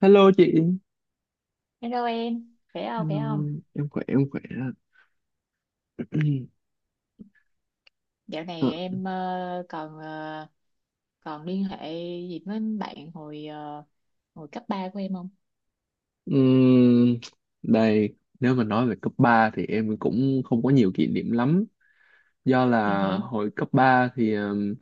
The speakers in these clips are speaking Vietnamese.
Hello chị. Hello em, khỏe không, Hello, khỏe không? em khỏe. Dạo Ờ, này em còn còn liên hệ gì với bạn hồi hồi cấp 3 của em không? ừm, đây nếu mà nói về cấp 3 thì em cũng không có nhiều kỷ niệm lắm. Do Ừ, là hử. hồi cấp 3 thì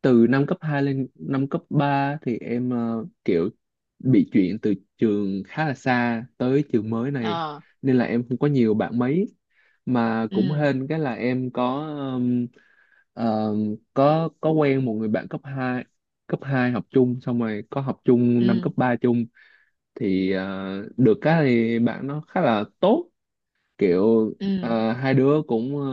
từ năm cấp 2 lên năm cấp 3 thì em kiểu bị chuyển từ trường khá là xa tới trường mới này, Ờ, nên là em không có nhiều bạn mấy, mà cũng ừ, hên cái là em có ừm, có quen một người bạn cấp hai. Cấp hai học chung, xong rồi có học chung năm cấp ừ, 3 chung, thì được cái thì bạn nó khá là tốt. Kiểu ừ, à, hai đứa cũng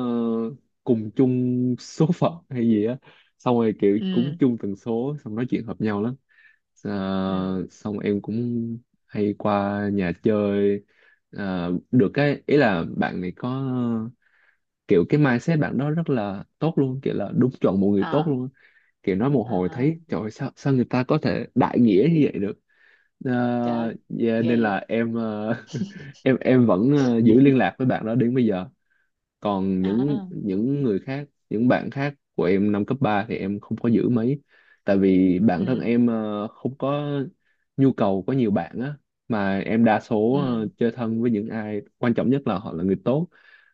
cùng chung số phận hay gì á, xong rồi kiểu cũng ừ, chung tần số, xong nói chuyện hợp nhau lắm. À, ừ, xong em cũng hay qua nhà chơi. À, được cái ý là bạn này có kiểu cái mindset bạn đó rất là tốt luôn, kiểu là đúng chuẩn một người tốt ờ, luôn á. Kiểu nói một hồi ờ, thấy trời ơi, sao sao người ta có thể đại nghĩa như vậy được. À, trời ơi, yeah, ghê nên vậy! là em em vẫn giữ liên lạc với bạn đó đến bây giờ. Còn những Ờ, những người khác, những bạn khác của em năm cấp 3 thì em không có giữ mấy, tại vì bản thân ừ, em không có nhu cầu có nhiều bạn á, mà em đa số ừ, chơi thân với những ai quan trọng nhất là họ là người tốt.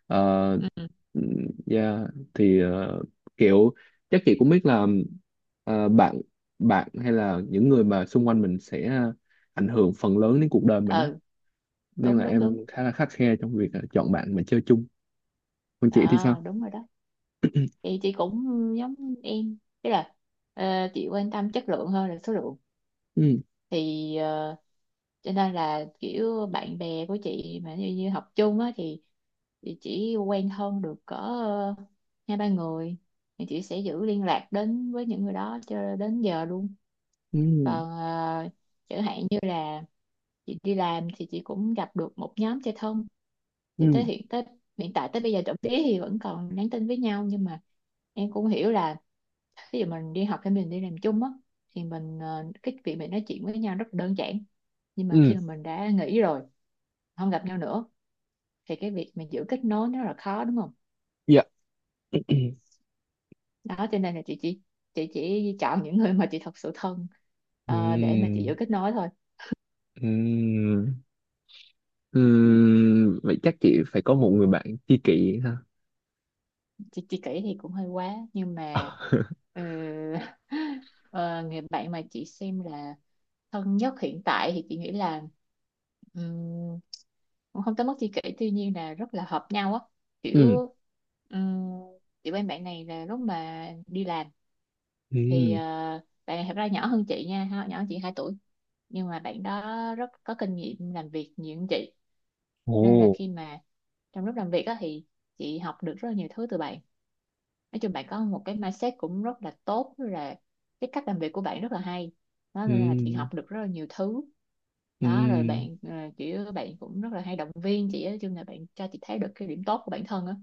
Ờ, ừ, yeah, thì kiểu chắc chị cũng biết là bạn bạn hay là những người mà xung quanh mình sẽ ảnh hưởng phần lớn đến cuộc đời mình á, ừ, nên đúng, là đúng, đúng, em khá là khắt khe trong việc chọn bạn mà chơi chung. Còn chị thì ờ, sao? đúng rồi đó. Thì chị cũng giống em, tức là ờ, chị quan tâm chất lượng hơn là số lượng. Ừ. Thì cho nên là kiểu bạn bè của chị mà như học chung á thì chỉ quen thân được cỡ hai ba người thì chị sẽ giữ liên lạc đến với những người đó cho đến giờ luôn. 음, Còn chẳng hạn như là chị đi làm thì chị cũng gặp được một nhóm chơi thân thì tới 음, hiện tới hiện tại tới bây giờ trộm vía thì vẫn còn nhắn tin với nhau, nhưng mà em cũng hiểu là ví dụ mình đi học hay mình đi làm chung á thì mình cái việc mình nói chuyện với nhau rất đơn giản, nhưng mà 음, khi mà mình đã nghỉ rồi, không gặp nhau nữa, thì cái việc mà giữ kết nối nó rất là khó đúng không? dạ, Đó cho nên là chị chỉ chọn những người mà chị thật sự thân để mà chị giữ 음, kết nối thôi. 음, 음, vậy chắc chị phải có một người bạn tri kỷ ha. Chị kể thì cũng hơi quá, nhưng mà ờ, ờ, người bạn mà chị xem là thân nhất hiện tại thì chị nghĩ là ừm, cũng không tới mức chi kỷ, tuy nhiên là rất là hợp nhau á, Ừm. kiểu um, kiểu em bạn này là lúc mà đi làm thì Ừm. Bạn này thật ra nhỏ hơn chị nha nhỏ hơn chị 2 tuổi, nhưng mà bạn đó rất có kinh nghiệm làm việc nhiều hơn chị. Ồ. Nên là khi mà trong lúc làm việc á thì chị học được rất là nhiều thứ từ bạn. Nói chung bạn có một cái mindset cũng rất là tốt, rất là cái cách làm việc của bạn rất là hay, đó nên là chị Ừm. học được rất là nhiều thứ. Đó rồi Ừm. bạn kiểu bạn cũng rất là hay động viên chị á, nói chung là bạn cho chị thấy được cái điểm tốt của bản thân á.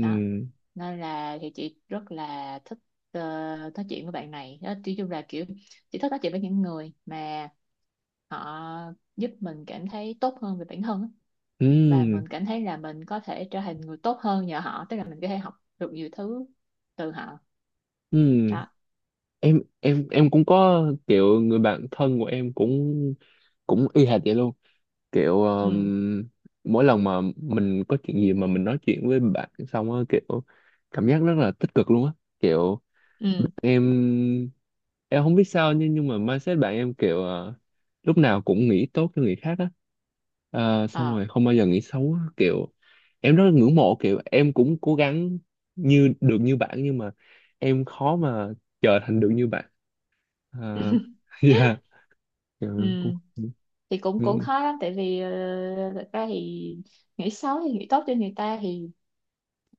Đó. Nên là thì chị rất là thích ờ, nói chuyện với bạn này đó, nói chung là kiểu chị thích nói chuyện với những người mà họ giúp mình cảm thấy tốt hơn về bản thân á. Và Ừm. mình cảm thấy là mình có thể trở thành người tốt hơn nhờ họ, tức là mình có thể học được nhiều thứ từ họ Ừm. đó. Em cũng có kiểu người bạn thân của em cũng cũng y hệt vậy luôn. Kiểu Ừ, mỗi lần mà mình có chuyện gì mà mình nói chuyện với bạn xong á, kiểu cảm giác rất là tích cực luôn á. kiểu ừ, em em không biết sao, nhưng mà mindset bạn em kiểu lúc nào cũng nghĩ tốt cho người khác á. Ờ, xong ờ, rồi không bao giờ nghĩ xấu á. Kiểu em rất là ngưỡng mộ, kiểu em cũng cố gắng như được như bạn, nhưng mà em khó mà trở thành được như bạn. Ờ, dạ. Kiểu em cũng ừ, thì cũng cũng ừ, khó lắm tại vì thật ra thì nghĩ xấu thì nghĩ tốt cho người ta thì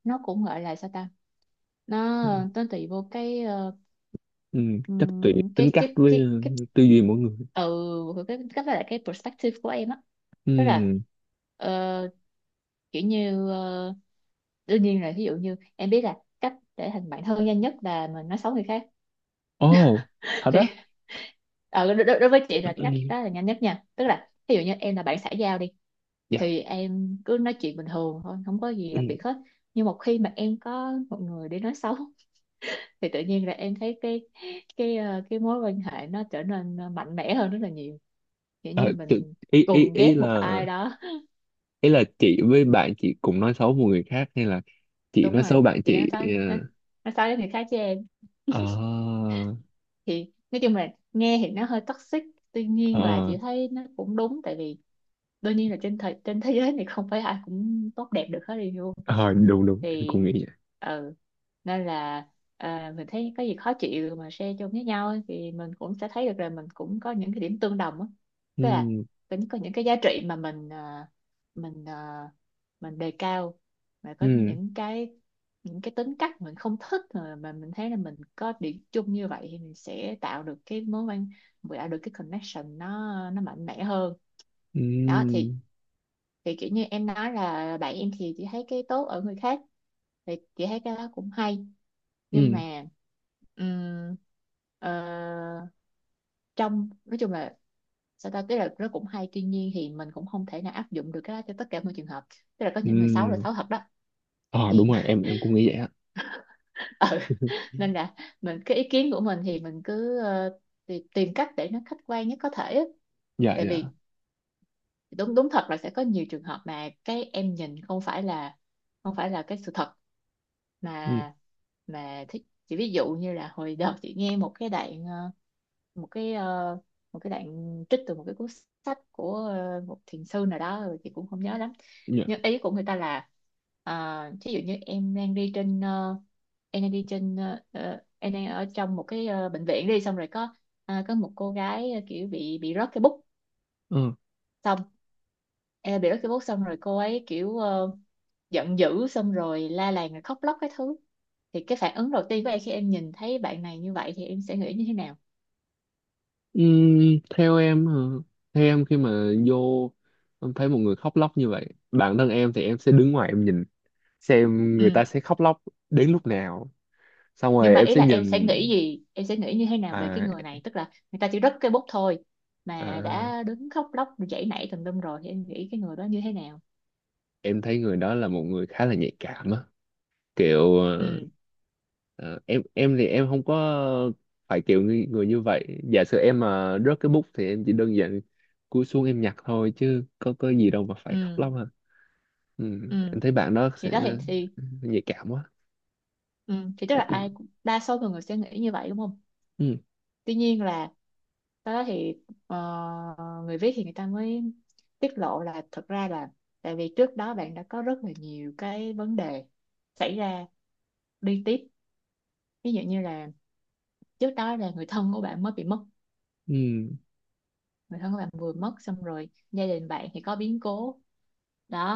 nó cũng gọi là sao ta, nó ừ, nó tùy vô cái ừ, chắc tùy tính cái cách cái với cái cái tư duy mỗi người. ừ, cái perspective của em á, tức là Ừ. ờ, kiểu như đương nhiên là ví dụ như em biết là cách để thành bạn thân nhanh nhất là mình nói xấu người khác. Ồ. Thật á? Thì. Ờ, đối, đối đối với chị là cái cách Ừ, đó là nhanh nhất nha, tức là ví dụ như em là bạn xã giao đi dạ. thì em cứ nói chuyện bình thường thôi, không có gì Ừ. đặc biệt hết. Nhưng một khi mà em có một người để nói xấu thì tự nhiên là em thấy cái cái mối quan hệ nó trở nên mạnh mẽ hơn rất là nhiều, kiểu Ờ, như tự- mình ý ý cùng ghét một ai đó. ý là chị với bạn chị cùng nói xấu một người khác, hay là chị Đúng nói rồi, xấu bạn chị chị? Ờ. nói xấu đến người khác chứ em. Ờ. Thì nói chung là nghe thì nó hơi toxic, tuy nhiên là Ờ. chị thấy nó cũng đúng, tại vì đương nhiên là trên thế giới này không phải ai cũng tốt đẹp được hết đi luôn. Ờ, đúng đúng em cũng Thì nghĩ vậy. ừ, nên là à, mình thấy có gì khó chịu mà share chung với nhau ấy, thì mình cũng sẽ thấy được là mình cũng có những cái điểm tương đồng á, tức là Ừ. cũng có những cái giá trị mà mình à, mình đề cao, mà có Ừ. những những cái tính cách mình không thích mà mình thấy là mình có điểm chung như vậy thì mình sẽ tạo được cái connection nó mạnh mẽ hơn. Ừ. Đó thì kiểu như em nói là bạn em thì chị thấy cái tốt ở người khác thì chị thấy cái đó cũng hay, nhưng Ừ. mà ừm, ờ, trong nói chung là sao ta, tức là nó cũng hay, tuy nhiên thì mình cũng không thể nào áp dụng được cái đó cho tất cả mọi trường hợp, tức là có những người xấu là Ừ. xấu thật đó. Ờ đúng Thì rồi, em cũng nghĩ vậy á. ừ, nên là mình cái ý kiến của mình thì mình cứ tìm cách để nó khách quan nhất có thể á. Dạ Tại dạ. vì đúng, đúng thật là sẽ có nhiều trường hợp mà cái em nhìn không phải là cái sự thật Ừ. mà mà thích, chỉ ví dụ như là hồi đợt chị nghe một cái đoạn một cái ờ, một cái đoạn trích từ một cái cuốn sách của một thiền sư nào đó rồi chị cũng không nhớ lắm, Dạ. nhưng ý của người ta là ví dụ như em đang đi trên ờ, em đang đi trên em đang ở trong một cái bệnh viện đi, xong rồi có à, có một cô gái kiểu bị rớt cái bút, Ờ. xong em bị bắt cái bút xong rồi cô ấy kiểu giận dữ xong rồi la làng rồi khóc lóc cái thứ, thì cái phản ứng đầu tiên của em khi em nhìn thấy bạn này như vậy thì em sẽ nghĩ như thế nào? Ừ, theo em hả? Theo em khi mà vô, em thấy một người khóc lóc như vậy, bản thân em thì em sẽ đứng ngoài em nhìn xem người Ừ. ta sẽ khóc lóc đến lúc nào, xong Nhưng rồi mà em ý sẽ là em sẽ nhìn. nghĩ gì, em sẽ nghĩ như thế nào về cái À. người này, tức là người ta chỉ rớt cái bút thôi mà À, đã đứng khóc lóc giãy nảy tùm lum rồi thì em nghĩ cái người đó như thế nào? em thấy người đó là một người khá là nhạy cảm á. Kiểu ờ, Ừ, ờ, em thì em không có phải kiểu người, người như vậy. Giả sử em mà rớt cái bút thì em chỉ đơn giản cúi xuống em nhặt thôi, chứ có gì đâu mà phải khóc ừ, lóc hả. Ừ. ừ, Em thấy bạn đó sẽ thì đó thì nhạy cảm quá. ừ. Thì tức là ai cũng- đa số mọi người sẽ nghĩ như vậy đúng không, Ừ. tuy nhiên là sau đó thì ờ, người viết thì người ta mới tiết lộ là thật ra là tại vì trước đó bạn đã có rất là nhiều cái vấn đề xảy ra liên tiếp, ví dụ như là trước đó là người thân của bạn mới bị mất, Ừ. người thân của bạn vừa mất xong rồi gia đình bạn thì có biến cố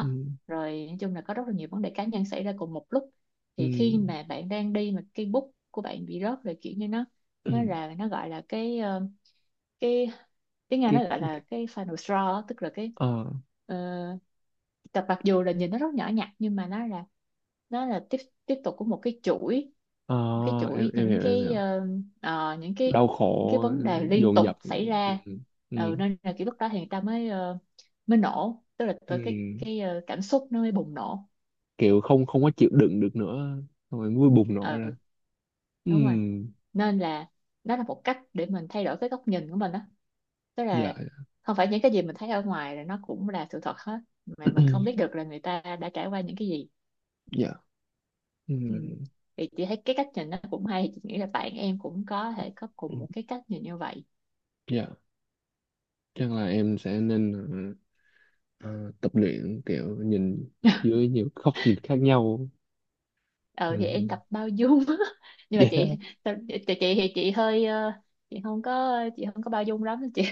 Ừ. Ừ. rồi nói chung là có rất là nhiều vấn đề cá nhân xảy ra cùng một lúc. Ừ. Thì khi mà bạn đang đi mà cái bút của bạn bị rớt rồi kiểu như Ừ. Nó gọi là cái cái tiếng Anh Cái, nó gọi là cái final straw á, tức là cái ờ, ờ, tập mặc dù là nhìn nó rất nhỏ nhặt nhưng mà nó là tiếp tiếp tục của một cái chuỗi, ờ, em em những hiểu, em cái hiểu. Những cái, Đau những cái khổ. vấn đề liên Dồn tục dập. xảy ra. Ừ. Ừ. Ừ, nên là kiểu lúc đó thì người ta mới mới nổ, tức là Ừ. tới cảm xúc nó mới bùng nổ. Kiểu không không có chịu đựng được nữa, xong rồi mới bùng nổ ra. Ừ, đúng rồi, Ừm. nên là nó là một cách để mình thay đổi cái góc nhìn của mình đó, tức Dạ. là không phải những cái gì mình thấy ở ngoài là nó cũng là sự thật hết, mà mình không biết được là người ta đã trải qua những cái gì. Dạ. Ừ. Ừm. Thì chị thấy cái cách nhìn nó cũng hay, chị nghĩ là bạn em cũng có thể có cùng một cái cách nhìn như vậy. Dạ, chắc là em sẽ nên ờ, tập luyện kiểu nhìn dưới nhiều góc nhìn khác nhau. Ờ thì em Ừm. tập bao dung nhưng mà chị Yeah. tập- chị chị thì chị hơi chị không có bao dung lắm chị.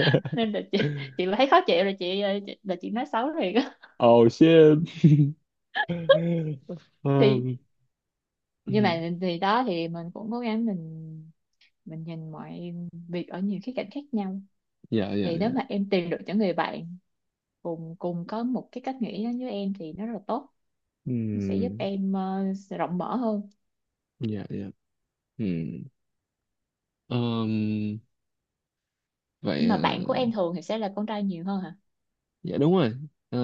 Nên là chị thấy khó chịu rồi chị, ờ, chị là chị nói xấu liền á. Oh shit. Thì Um. nhưng mà thì đó thì cũng cố gắng mình nhìn mọi việc ở nhiều khía cạnh khác nhau. Dạ dạ Thì nếu dạ. mà em tìm được những người bạn cùng cùng có một cái cách nghĩ giống như em thì nó rất là tốt, nó sẽ giúp Ừm. em sẽ rộng mở hơn. Dạ dạ. Ừm. Um. Vậy Nhưng mà ờ, bạn của em thường thì sẽ là con trai nhiều hơn hả? dạ đúng rồi. Ờ,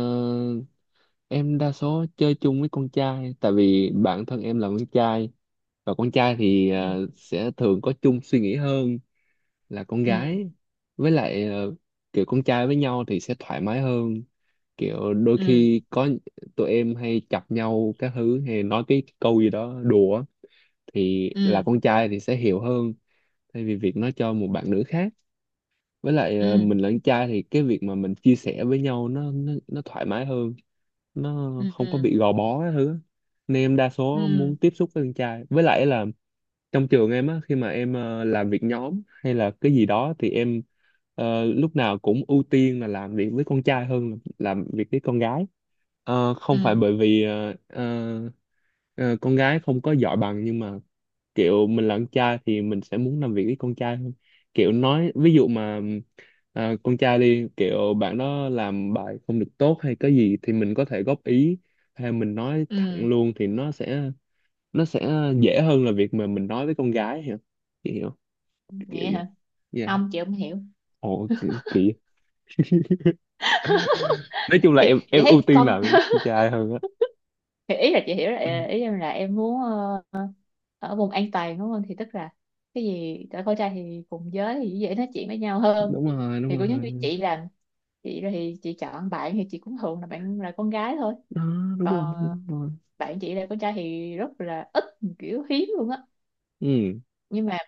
em đa số chơi chung với con trai tại vì bản thân em là con trai, và con trai thì Ừ, sẽ thường có chung suy nghĩ hơn là con ừ, gái. Với lại kiểu con trai với nhau thì sẽ thoải mái hơn. Kiểu đôi ừ, khi có tụi em hay chọc nhau các thứ, hay nói cái câu gì đó đùa á, thì là ừ, con trai thì sẽ hiểu hơn thay vì việc nói cho một bạn nữ khác. Với lại ừ, mình là con trai thì cái việc mà mình chia sẻ với nhau nó thoải mái hơn, nó không có ừ, bị gò bó cái thứ. Nên em đa số ừ, muốn tiếp xúc với con trai. Với lại là trong trường em á, khi mà em làm việc nhóm hay là cái gì đó thì em lúc nào cũng ưu tiên là làm việc với con trai hơn là làm việc với con gái. Ờ, không ừ, phải bởi vì con gái không có giỏi bằng, nhưng mà kiểu mình là con trai thì mình sẽ muốn làm việc với con trai hơn. Kiểu nói ví dụ mà à, con trai đi, kiểu bạn đó làm bài không được tốt hay cái gì thì mình có thể góp ý, hay mình nói ừ, thẳng ừ. luôn thì nó sẽ dễ hơn là việc mà mình nói với con gái hiểu. Chị hiểu kiểu Vậy vậy. hả, Yeah. không chị không hiểu. Ồ kiểu, kiểu nói chung là Thì em chị em ưu thấy tiên con làm với con trai hơn á. thì ý là chị hiểu là ý em là em muốn ở vùng an toàn đúng không, thì tức là cái gì tại con trai thì cùng giới thì dễ nói chuyện với nhau hơn. Đúng rồi, Thì đúng cũng giống rồi. như chị làm, chị là thì chị chọn bạn thì chị cũng thường là bạn là con gái thôi, Đó, đúng rồi, còn đúng rồi. bạn chị là con trai thì rất là ít, kiểu hiếm luôn á. Ừ. nhưng mà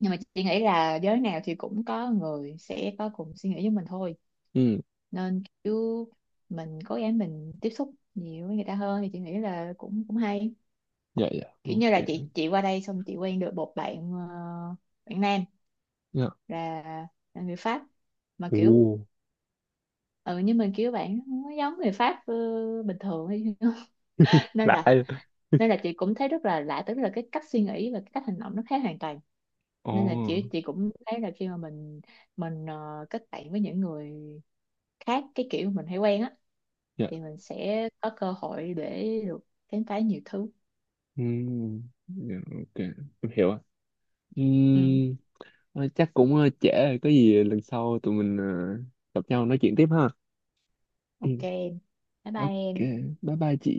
nhưng mà chị nghĩ là giới nào thì cũng có người sẽ có cùng suy nghĩ với mình thôi, Ừ. nên kiểu mình cố gắng mình tiếp xúc nhiều với người ta hơn thì chị nghĩ là cũng cũng hay. Dạ dạ, Kiểu ok. như là chị qua đây xong chị quen được một bạn bạn nam Dạ. là, là người Pháp, mà kiểu Ồ. ừ, nhưng mà kiểu bạn không có giống người Pháp bình thường ấy. nên Lạ. là Nên là chị cũng thấy rất là lạ, tức là cái cách suy nghĩ và cái cách hành động nó khác hoàn toàn. Ồ. Nên là chị cũng thấy là khi mà kết bạn với những người khác cái kiểu mình hay quen á Dạ. thì mình sẽ có cơ hội để được khám phá nhiều thứ. Ừm. Dạ, ok, em hiểu ạ. Ừ, Ừm. Thôi chắc cũng trễ rồi, có gì lần sau tụi mình gặp nhau nói chuyện tiếp ha. Ừ, ok em. Bye bye ok, em. bye bye chị.